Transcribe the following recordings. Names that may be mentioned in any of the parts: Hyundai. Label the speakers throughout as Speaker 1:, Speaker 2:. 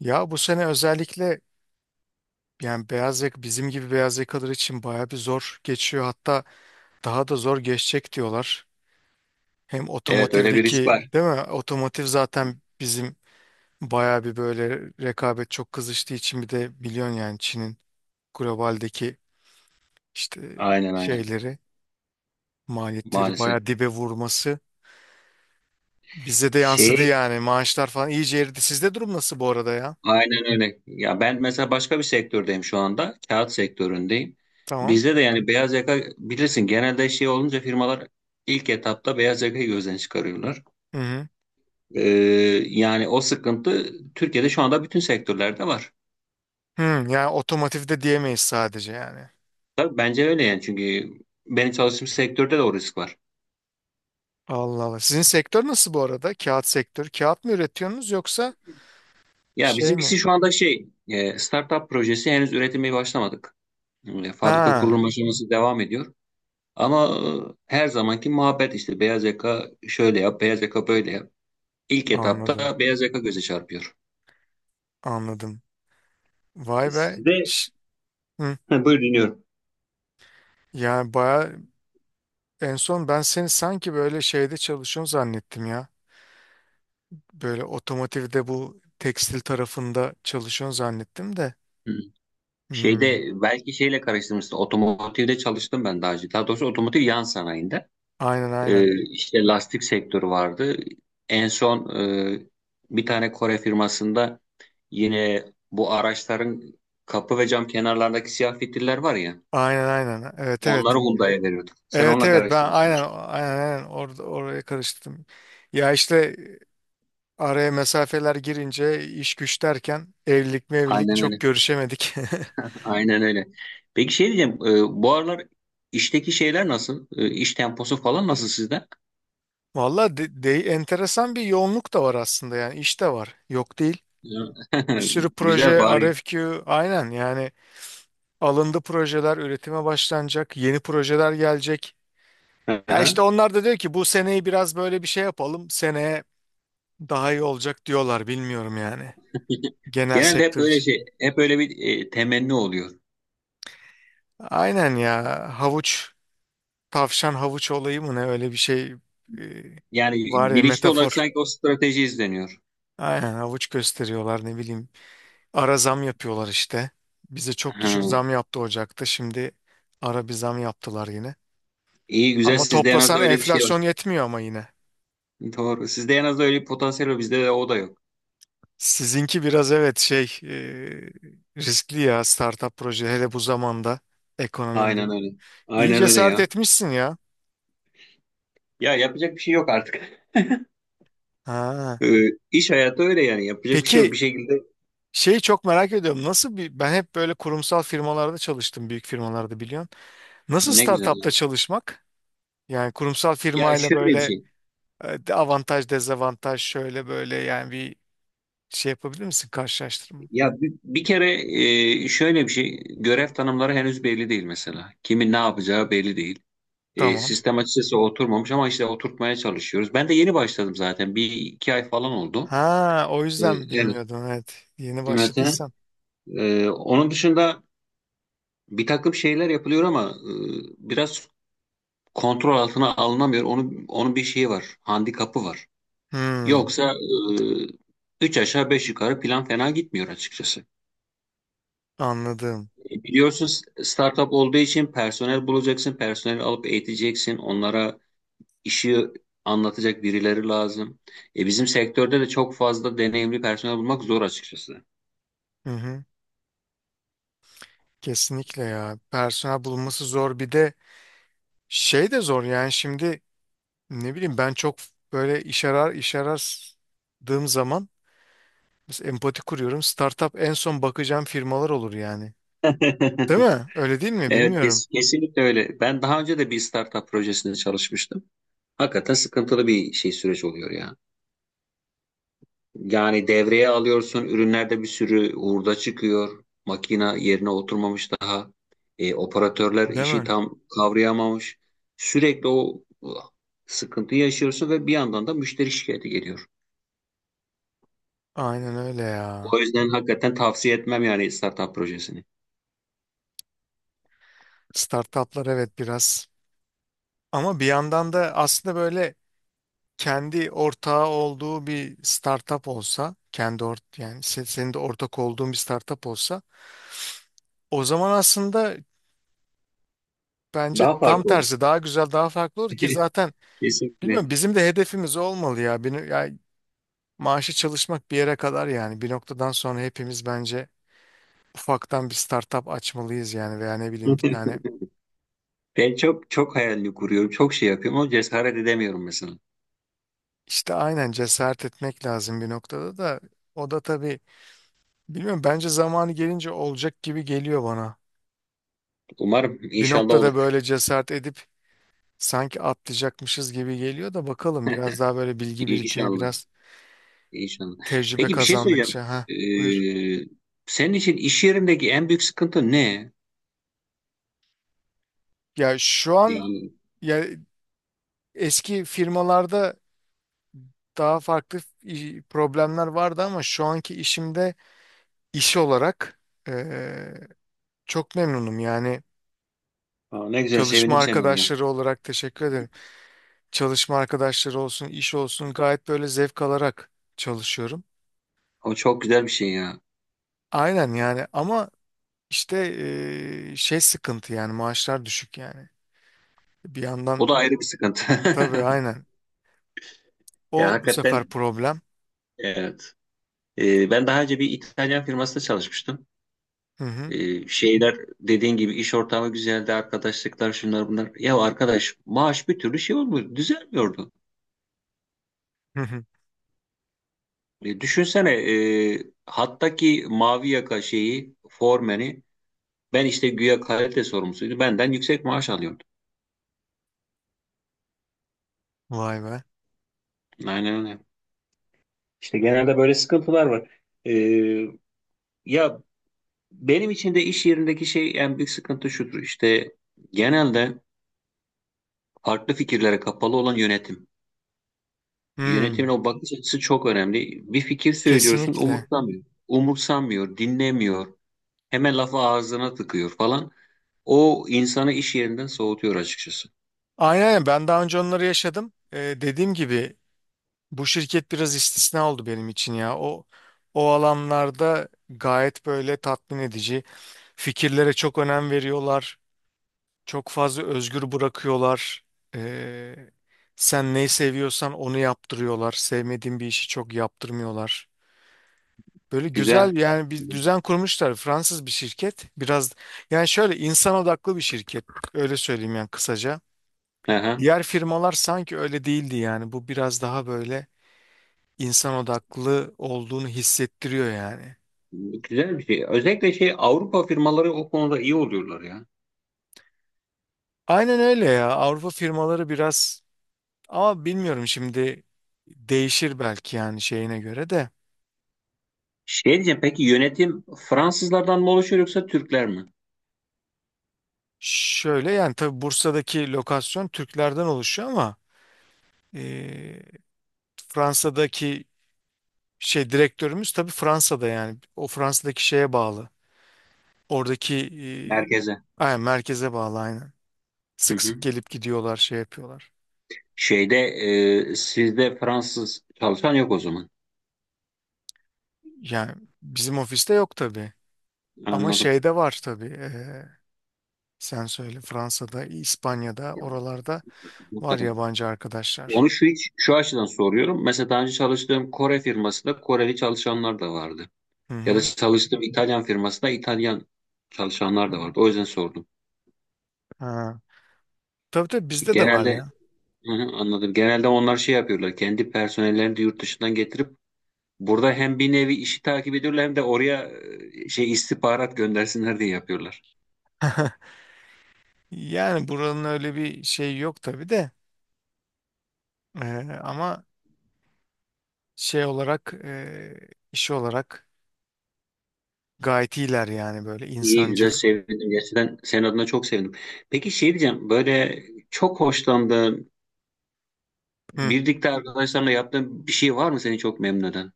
Speaker 1: Ya bu sene özellikle yani beyaz yaka bizim gibi beyaz yakalar için baya bir zor geçiyor. Hatta daha da zor geçecek diyorlar. Hem
Speaker 2: Evet, öyle bir risk
Speaker 1: otomotivdeki
Speaker 2: var.
Speaker 1: değil mi? Otomotiv zaten bizim baya bir böyle rekabet çok kızıştığı için bir de biliyorsun yani Çin'in globaldeki işte
Speaker 2: Aynen, aynen.
Speaker 1: şeyleri maliyetleri
Speaker 2: Maalesef.
Speaker 1: baya dibe vurması bize de yansıdı
Speaker 2: Şey
Speaker 1: yani maaşlar falan iyice eridi. Sizde durum nasıl bu arada ya?
Speaker 2: aynen öyle. Ya ben mesela başka bir sektördeyim şu anda. Kağıt sektöründeyim.
Speaker 1: Tamam.
Speaker 2: Bizde de yani beyaz yaka bilirsin genelde şey olunca firmalar ilk etapta beyaz yakayı gözden çıkarıyorlar.
Speaker 1: Hı hı.
Speaker 2: Ee, Yani o sıkıntı Türkiye'de şu anda bütün sektörlerde var.
Speaker 1: Hı, yani otomotivde diyemeyiz sadece yani.
Speaker 2: Tabii bence öyle yani, çünkü benim çalıştığım sektörde de o risk var.
Speaker 1: Allah Allah. Sizin sektör nasıl bu arada? Kağıt sektörü. Kağıt mı üretiyorsunuz yoksa
Speaker 2: Ya
Speaker 1: şey
Speaker 2: bizimkisi
Speaker 1: mi?
Speaker 2: şu anda startup projesi, henüz üretime başlamadık. Fabrika
Speaker 1: Ha,
Speaker 2: kurulum aşaması devam ediyor. Ama her zamanki muhabbet işte, beyaz yaka şöyle yap, beyaz yaka böyle yap. İlk
Speaker 1: anladım.
Speaker 2: etapta beyaz yaka göze çarpıyor.
Speaker 1: Anladım. Vay be.
Speaker 2: Sizde
Speaker 1: Hı.
Speaker 2: ha, buyur, dinliyorum.
Speaker 1: Yani baya en son ben seni sanki böyle şeyde çalışıyorsun zannettim ya. Böyle otomotivde bu tekstil tarafında çalışıyorsun zannettim de.
Speaker 2: Hı.
Speaker 1: Hmm.
Speaker 2: Şeyde belki şeyle karıştırmışsın. Otomotivde çalıştım ben daha önce. Daha doğrusu otomotiv yan sanayinde.
Speaker 1: Aynen aynen.
Speaker 2: İşte lastik sektörü vardı. En son e, bir tane Kore firmasında, yine bu araçların kapı ve cam kenarlarındaki siyah fitiller var ya.
Speaker 1: Aynen aynen. Evet evet.
Speaker 2: Onları Hyundai'ye veriyorduk. Sen
Speaker 1: Evet
Speaker 2: onunla
Speaker 1: evet ben
Speaker 2: karıştırıyorsun.
Speaker 1: aynen orada oraya karıştırdım. Ya işte araya mesafeler girince iş güç derken evlilik mevlilik
Speaker 2: Aynen
Speaker 1: çok
Speaker 2: öyle.
Speaker 1: görüşemedik.
Speaker 2: Aynen öyle. Peki şey diyeceğim, bu aralar işteki şeyler nasıl? İş temposu falan nasıl sizde?
Speaker 1: Valla enteresan bir yoğunluk da var aslında yani iş de var yok değil.
Speaker 2: Ya.
Speaker 1: Bir sürü proje
Speaker 2: Güzel bari.
Speaker 1: RFQ aynen yani alındı projeler üretime başlanacak yeni projeler gelecek. Ya
Speaker 2: Aha.
Speaker 1: işte onlar da diyor ki bu seneyi biraz böyle bir şey yapalım seneye daha iyi olacak diyorlar bilmiyorum yani genel
Speaker 2: Genelde hep
Speaker 1: sektör
Speaker 2: böyle
Speaker 1: için.
Speaker 2: şey, hep öyle bir temenni oluyor.
Speaker 1: Aynen ya, havuç. Tavşan havuç olayı mı ne öyle bir şey e,
Speaker 2: Yani
Speaker 1: var ya,
Speaker 2: bilinçli olarak
Speaker 1: metafor.
Speaker 2: sanki o strateji izleniyor.
Speaker 1: Aynen havuç gösteriyorlar ne bileyim. Ara zam yapıyorlar işte. Bize çok
Speaker 2: Ha.
Speaker 1: düşük zam yaptı Ocak'ta. Şimdi ara bir zam yaptılar yine.
Speaker 2: İyi, güzel,
Speaker 1: Ama
Speaker 2: sizde en az da
Speaker 1: toplasan
Speaker 2: öyle bir şey var.
Speaker 1: enflasyon yetmiyor ama yine.
Speaker 2: Doğru. Sizde en az da öyle bir potansiyel var. Bizde de o da yok.
Speaker 1: Sizinki biraz evet şey riskli ya, startup proje hele bu zamanda ekonomi
Speaker 2: Aynen
Speaker 1: bu.
Speaker 2: öyle.
Speaker 1: İyi
Speaker 2: Aynen öyle
Speaker 1: cesaret
Speaker 2: ya.
Speaker 1: etmişsin ya.
Speaker 2: Ya yapacak bir şey yok artık.
Speaker 1: Ha.
Speaker 2: E, iş hayatı öyle yani. Yapacak bir şey yok.
Speaker 1: Peki
Speaker 2: Bir şekilde
Speaker 1: şeyi çok merak ediyorum. Nasıl bir, ben hep böyle kurumsal firmalarda çalıştım, büyük firmalarda biliyorsun. Nasıl
Speaker 2: Ne
Speaker 1: startupta
Speaker 2: güzel.
Speaker 1: çalışmak? Yani kurumsal
Speaker 2: Ya
Speaker 1: firmayla
Speaker 2: şöyle bir
Speaker 1: böyle
Speaker 2: şey.
Speaker 1: avantaj dezavantaj şöyle böyle yani bir şey yapabilir misin, karşılaştırma?
Speaker 2: Ya bir kere şöyle bir şey, görev tanımları henüz belli değil mesela. Kimin ne yapacağı belli değil.
Speaker 1: Tamam.
Speaker 2: Sistem açıkçası oturmamış, ama işte oturtmaya çalışıyoruz. Ben de yeni başladım zaten, bir iki ay falan oldu.
Speaker 1: Ha, o
Speaker 2: E,
Speaker 1: yüzden
Speaker 2: evet.
Speaker 1: bilmiyordun, evet. Yeni
Speaker 2: Evet.
Speaker 1: başladıysan.
Speaker 2: Onun dışında bir takım şeyler yapılıyor ama biraz kontrol altına alınamıyor. Onun bir şeyi var, handikapı var.
Speaker 1: Hmm,
Speaker 2: Yoksa e, üç aşağı beş yukarı plan fena gitmiyor açıkçası.
Speaker 1: anladım.
Speaker 2: Biliyorsun, startup olduğu için personel bulacaksın, personeli alıp eğiteceksin, onlara işi anlatacak birileri lazım. E bizim sektörde de çok fazla deneyimli personel bulmak zor açıkçası.
Speaker 1: Hı hı. Kesinlikle ya. Personel bulunması zor, bir de şey de zor yani şimdi ne bileyim, ben çok böyle iş arar, iş aradığım zaman mesela empati kuruyorum. Startup en son bakacağım firmalar olur yani. Değil mi? Öyle değil mi?
Speaker 2: Evet,
Speaker 1: Bilmiyorum.
Speaker 2: kesinlikle öyle. Ben daha önce de bir startup projesinde çalışmıştım. Hakikaten sıkıntılı bir şey, süreç oluyor ya. Yani devreye alıyorsun, ürünlerde bir sürü hurda çıkıyor. Makina yerine oturmamış daha. Operatörler
Speaker 1: Değil
Speaker 2: işi
Speaker 1: mi?
Speaker 2: tam kavrayamamış. Sürekli o sıkıntıyı yaşıyorsun ve bir yandan da müşteri şikayeti geliyor.
Speaker 1: Aynen öyle ya.
Speaker 2: O yüzden hakikaten tavsiye etmem yani startup projesini.
Speaker 1: Startuplar evet biraz. Ama bir yandan da aslında böyle kendi ortağı olduğu bir startup olsa, kendi ort yani senin de ortak olduğun bir startup olsa, o zaman aslında bence
Speaker 2: Daha
Speaker 1: tam
Speaker 2: farklı olur.
Speaker 1: tersi daha güzel, daha farklı olur ki zaten
Speaker 2: Kesinlikle.
Speaker 1: bilmiyorum bizim de hedefimiz o olmalı ya. Bir, ya maaşı çalışmak bir yere kadar yani bir noktadan sonra hepimiz bence ufaktan bir startup açmalıyız yani veya ne bileyim bir tane.
Speaker 2: Ben çok çok hayalini kuruyorum, çok şey yapıyorum ama cesaret edemiyorum mesela.
Speaker 1: İşte aynen, cesaret etmek lazım bir noktada da. O da tabii bilmiyorum, bence zamanı gelince olacak gibi geliyor bana.
Speaker 2: Umarım
Speaker 1: Bir
Speaker 2: inşallah
Speaker 1: noktada
Speaker 2: olur.
Speaker 1: böyle cesaret edip sanki atlayacakmışız gibi geliyor da bakalım, biraz daha böyle bilgi birikimi,
Speaker 2: İnşallah.
Speaker 1: biraz
Speaker 2: İnşallah.
Speaker 1: tecrübe
Speaker 2: Peki bir şey söyleyeceğim.
Speaker 1: kazandıkça. Ha, buyur.
Speaker 2: Ee, Senin için iş yerindeki en büyük sıkıntı ne?
Speaker 1: Ya şu an
Speaker 2: Yani
Speaker 1: ya eski firmalarda daha farklı problemler vardı ama şu anki işimde iş olarak eee, çok memnunum yani,
Speaker 2: Aa, ne güzel,
Speaker 1: çalışma
Speaker 2: sevindim senin adına.
Speaker 1: arkadaşları olarak teşekkür ederim. Çalışma arkadaşları olsun, iş olsun gayet böyle zevk alarak çalışıyorum.
Speaker 2: O çok güzel bir şey ya.
Speaker 1: Aynen yani ama işte şey sıkıntı yani maaşlar düşük yani. Bir yandan
Speaker 2: O da ayrı bir sıkıntı.
Speaker 1: tabii aynen.
Speaker 2: Ya
Speaker 1: O bu sefer
Speaker 2: hakikaten
Speaker 1: problem.
Speaker 2: evet. Ben daha önce bir İtalyan firmasında çalışmıştım.
Speaker 1: Hı hı.
Speaker 2: Şeyler dediğin gibi iş ortamı güzeldi, arkadaşlıklar şunlar bunlar. Ya arkadaş, maaş bir türlü şey olmuyor, düzelmiyordu.
Speaker 1: Hı hı.
Speaker 2: Düşünsene, hattaki mavi yaka şeyi, formeni. Ben işte güya kalite sorumlusuydu. Benden yüksek maaş alıyordu.
Speaker 1: Vay be.
Speaker 2: Aynen öyle. İşte genelde böyle sıkıntılar var. Ee, Ya benim için de iş yerindeki şey en büyük sıkıntı şudur. İşte genelde farklı fikirlere kapalı olan yönetim.
Speaker 1: Hmm,
Speaker 2: Yönetimin o bakış açısı çok önemli. Bir fikir söylüyorsun,
Speaker 1: kesinlikle.
Speaker 2: umursamıyor. Umursamıyor, dinlemiyor. Hemen lafı ağzına tıkıyor falan. O insanı iş yerinden soğutuyor açıkçası.
Speaker 1: Aynen aynen. Ben daha önce onları yaşadım. Dediğim gibi bu şirket biraz istisna oldu benim için ya. O alanlarda gayet böyle tatmin edici. Fikirlere çok önem veriyorlar. Çok fazla özgür bırakıyorlar. Ee, sen neyi seviyorsan onu yaptırıyorlar. Sevmediğin bir işi çok yaptırmıyorlar. Böyle
Speaker 2: Güzel.
Speaker 1: güzel yani bir düzen kurmuşlar. Fransız bir şirket. Biraz yani şöyle insan odaklı bir şirket. Öyle söyleyeyim yani kısaca.
Speaker 2: Aha.
Speaker 1: Diğer firmalar sanki öyle değildi yani. Bu biraz daha böyle insan odaklı olduğunu hissettiriyor yani.
Speaker 2: Güzel bir şey. Özellikle şey, Avrupa firmaları o konuda iyi oluyorlar ya.
Speaker 1: Aynen öyle ya. Avrupa firmaları biraz, ama bilmiyorum şimdi değişir belki yani şeyine göre de.
Speaker 2: Şey diyeceğim, peki yönetim Fransızlardan mı oluşuyor yoksa Türkler mi?
Speaker 1: Şöyle yani, tabii Bursa'daki lokasyon Türklerden oluşuyor ama e, Fransa'daki şey direktörümüz tabii Fransa'da, yani o Fransa'daki şeye bağlı. Oradaki
Speaker 2: Merkeze.
Speaker 1: aynen, merkeze bağlı aynen.
Speaker 2: Hı
Speaker 1: Sık sık
Speaker 2: hı.
Speaker 1: gelip gidiyorlar, şey yapıyorlar.
Speaker 2: Şeyde sizde Fransız çalışan yok o zaman.
Speaker 1: Yani bizim ofiste yok tabii ama
Speaker 2: Anladım.
Speaker 1: şeyde var tabii sen söyle, Fransa'da, İspanya'da
Speaker 2: Ya,
Speaker 1: oralarda var
Speaker 2: mutlaka.
Speaker 1: yabancı arkadaşlar.
Speaker 2: Onu şu hiç şu açıdan soruyorum. Mesela daha önce çalıştığım Kore firmasında Koreli çalışanlar da vardı.
Speaker 1: Hı
Speaker 2: Ya da
Speaker 1: hı.
Speaker 2: çalıştığım İtalyan firmasında İtalyan çalışanlar da vardı. O yüzden sordum.
Speaker 1: Ha. Tabii tabii bizde de var
Speaker 2: Genelde
Speaker 1: ya.
Speaker 2: Hı hı, anladım. Genelde onlar şey yapıyorlar. Kendi personellerini de yurt dışından getirip burada hem bir nevi işi takip ediyorlar, hem de oraya şey istihbarat göndersinler diye yapıyorlar.
Speaker 1: Yani buranın öyle bir şey yok tabii de ama şey olarak iş olarak gayet iyiler yani, böyle
Speaker 2: İyi, güzel,
Speaker 1: insancıl.
Speaker 2: sevindim. Gerçekten senin adına çok sevindim. Peki şey diyeceğim, böyle çok hoşlandığın,
Speaker 1: Hı.
Speaker 2: birlikte arkadaşlarla yaptığın bir şey var mı seni çok memnun eden?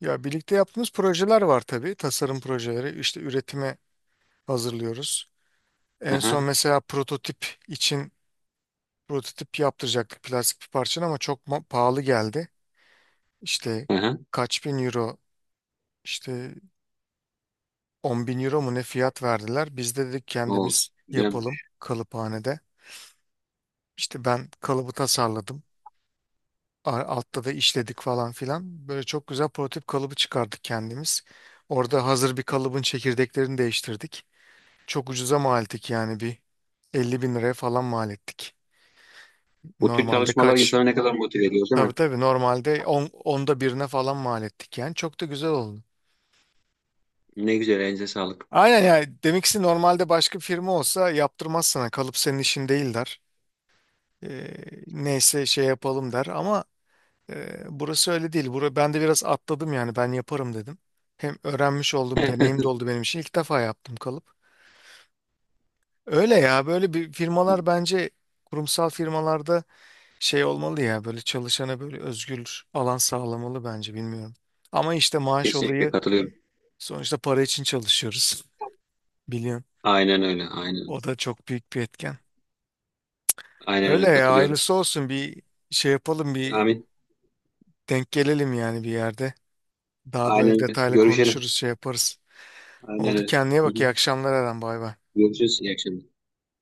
Speaker 1: Ya birlikte yaptığımız projeler var tabii, tasarım projeleri işte üretime hazırlıyoruz. En
Speaker 2: Aha,
Speaker 1: son mesela prototip için prototip yaptıracaktık plastik bir parçanın ama çok pahalı geldi. İşte
Speaker 2: aha.
Speaker 1: kaç bin euro işte 10 bin euro mu ne fiyat verdiler, biz de dedik
Speaker 2: O,
Speaker 1: kendimiz
Speaker 2: güzel.
Speaker 1: yapalım kalıphanede. İşte ben kalıbı tasarladım. Altta da işledik falan filan. Böyle çok güzel prototip kalıbı çıkardık kendimiz. Orada hazır bir kalıbın çekirdeklerini değiştirdik. Çok ucuza mal ettik yani, bir 50 bin liraya falan mal ettik.
Speaker 2: Bu tür
Speaker 1: Normalde
Speaker 2: çalışmalar
Speaker 1: kaç?
Speaker 2: insanı ne kadar motive ediyor, değil
Speaker 1: Tabii
Speaker 2: mi?
Speaker 1: tabii, normalde 10, onda birine falan mal ettik yani. Çok da güzel oldu.
Speaker 2: Ne güzel, elinize sağlık.
Speaker 1: Aynen yani, demek ki normalde başka bir firma olsa yaptırmaz sana. Kalıp senin işin değil der. Ee, neyse şey yapalım der ama burası öyle değil. Bura, ben de biraz atladım yani, ben yaparım dedim. Hem öğrenmiş oldum, deneyim de oldu benim için. İlk defa yaptım kalıp. Öyle ya, böyle bir firmalar bence, kurumsal firmalarda şey olmalı ya, böyle çalışana böyle özgür alan sağlamalı bence, bilmiyorum. Ama işte maaş
Speaker 2: Kesinlikle
Speaker 1: olayı,
Speaker 2: katılıyorum.
Speaker 1: sonuçta para için çalışıyoruz. Biliyorsun.
Speaker 2: Aynen öyle. Aynen öyle.
Speaker 1: O da çok büyük bir etken.
Speaker 2: Aynen
Speaker 1: Öyle
Speaker 2: öyle,
Speaker 1: ya,
Speaker 2: katılıyorum.
Speaker 1: hayırlısı olsun, bir şey yapalım, bir
Speaker 2: Amin.
Speaker 1: denk gelelim yani bir yerde. Daha böyle
Speaker 2: Aynen öyle.
Speaker 1: detaylı
Speaker 2: Görüşelim.
Speaker 1: konuşuruz, şey yaparız.
Speaker 2: Aynen
Speaker 1: Oldu,
Speaker 2: öyle.
Speaker 1: kendine
Speaker 2: Hı
Speaker 1: bak, iyi
Speaker 2: hı.
Speaker 1: akşamlar Eren, bay bay.
Speaker 2: Görüşürüz. İyi akşamlar.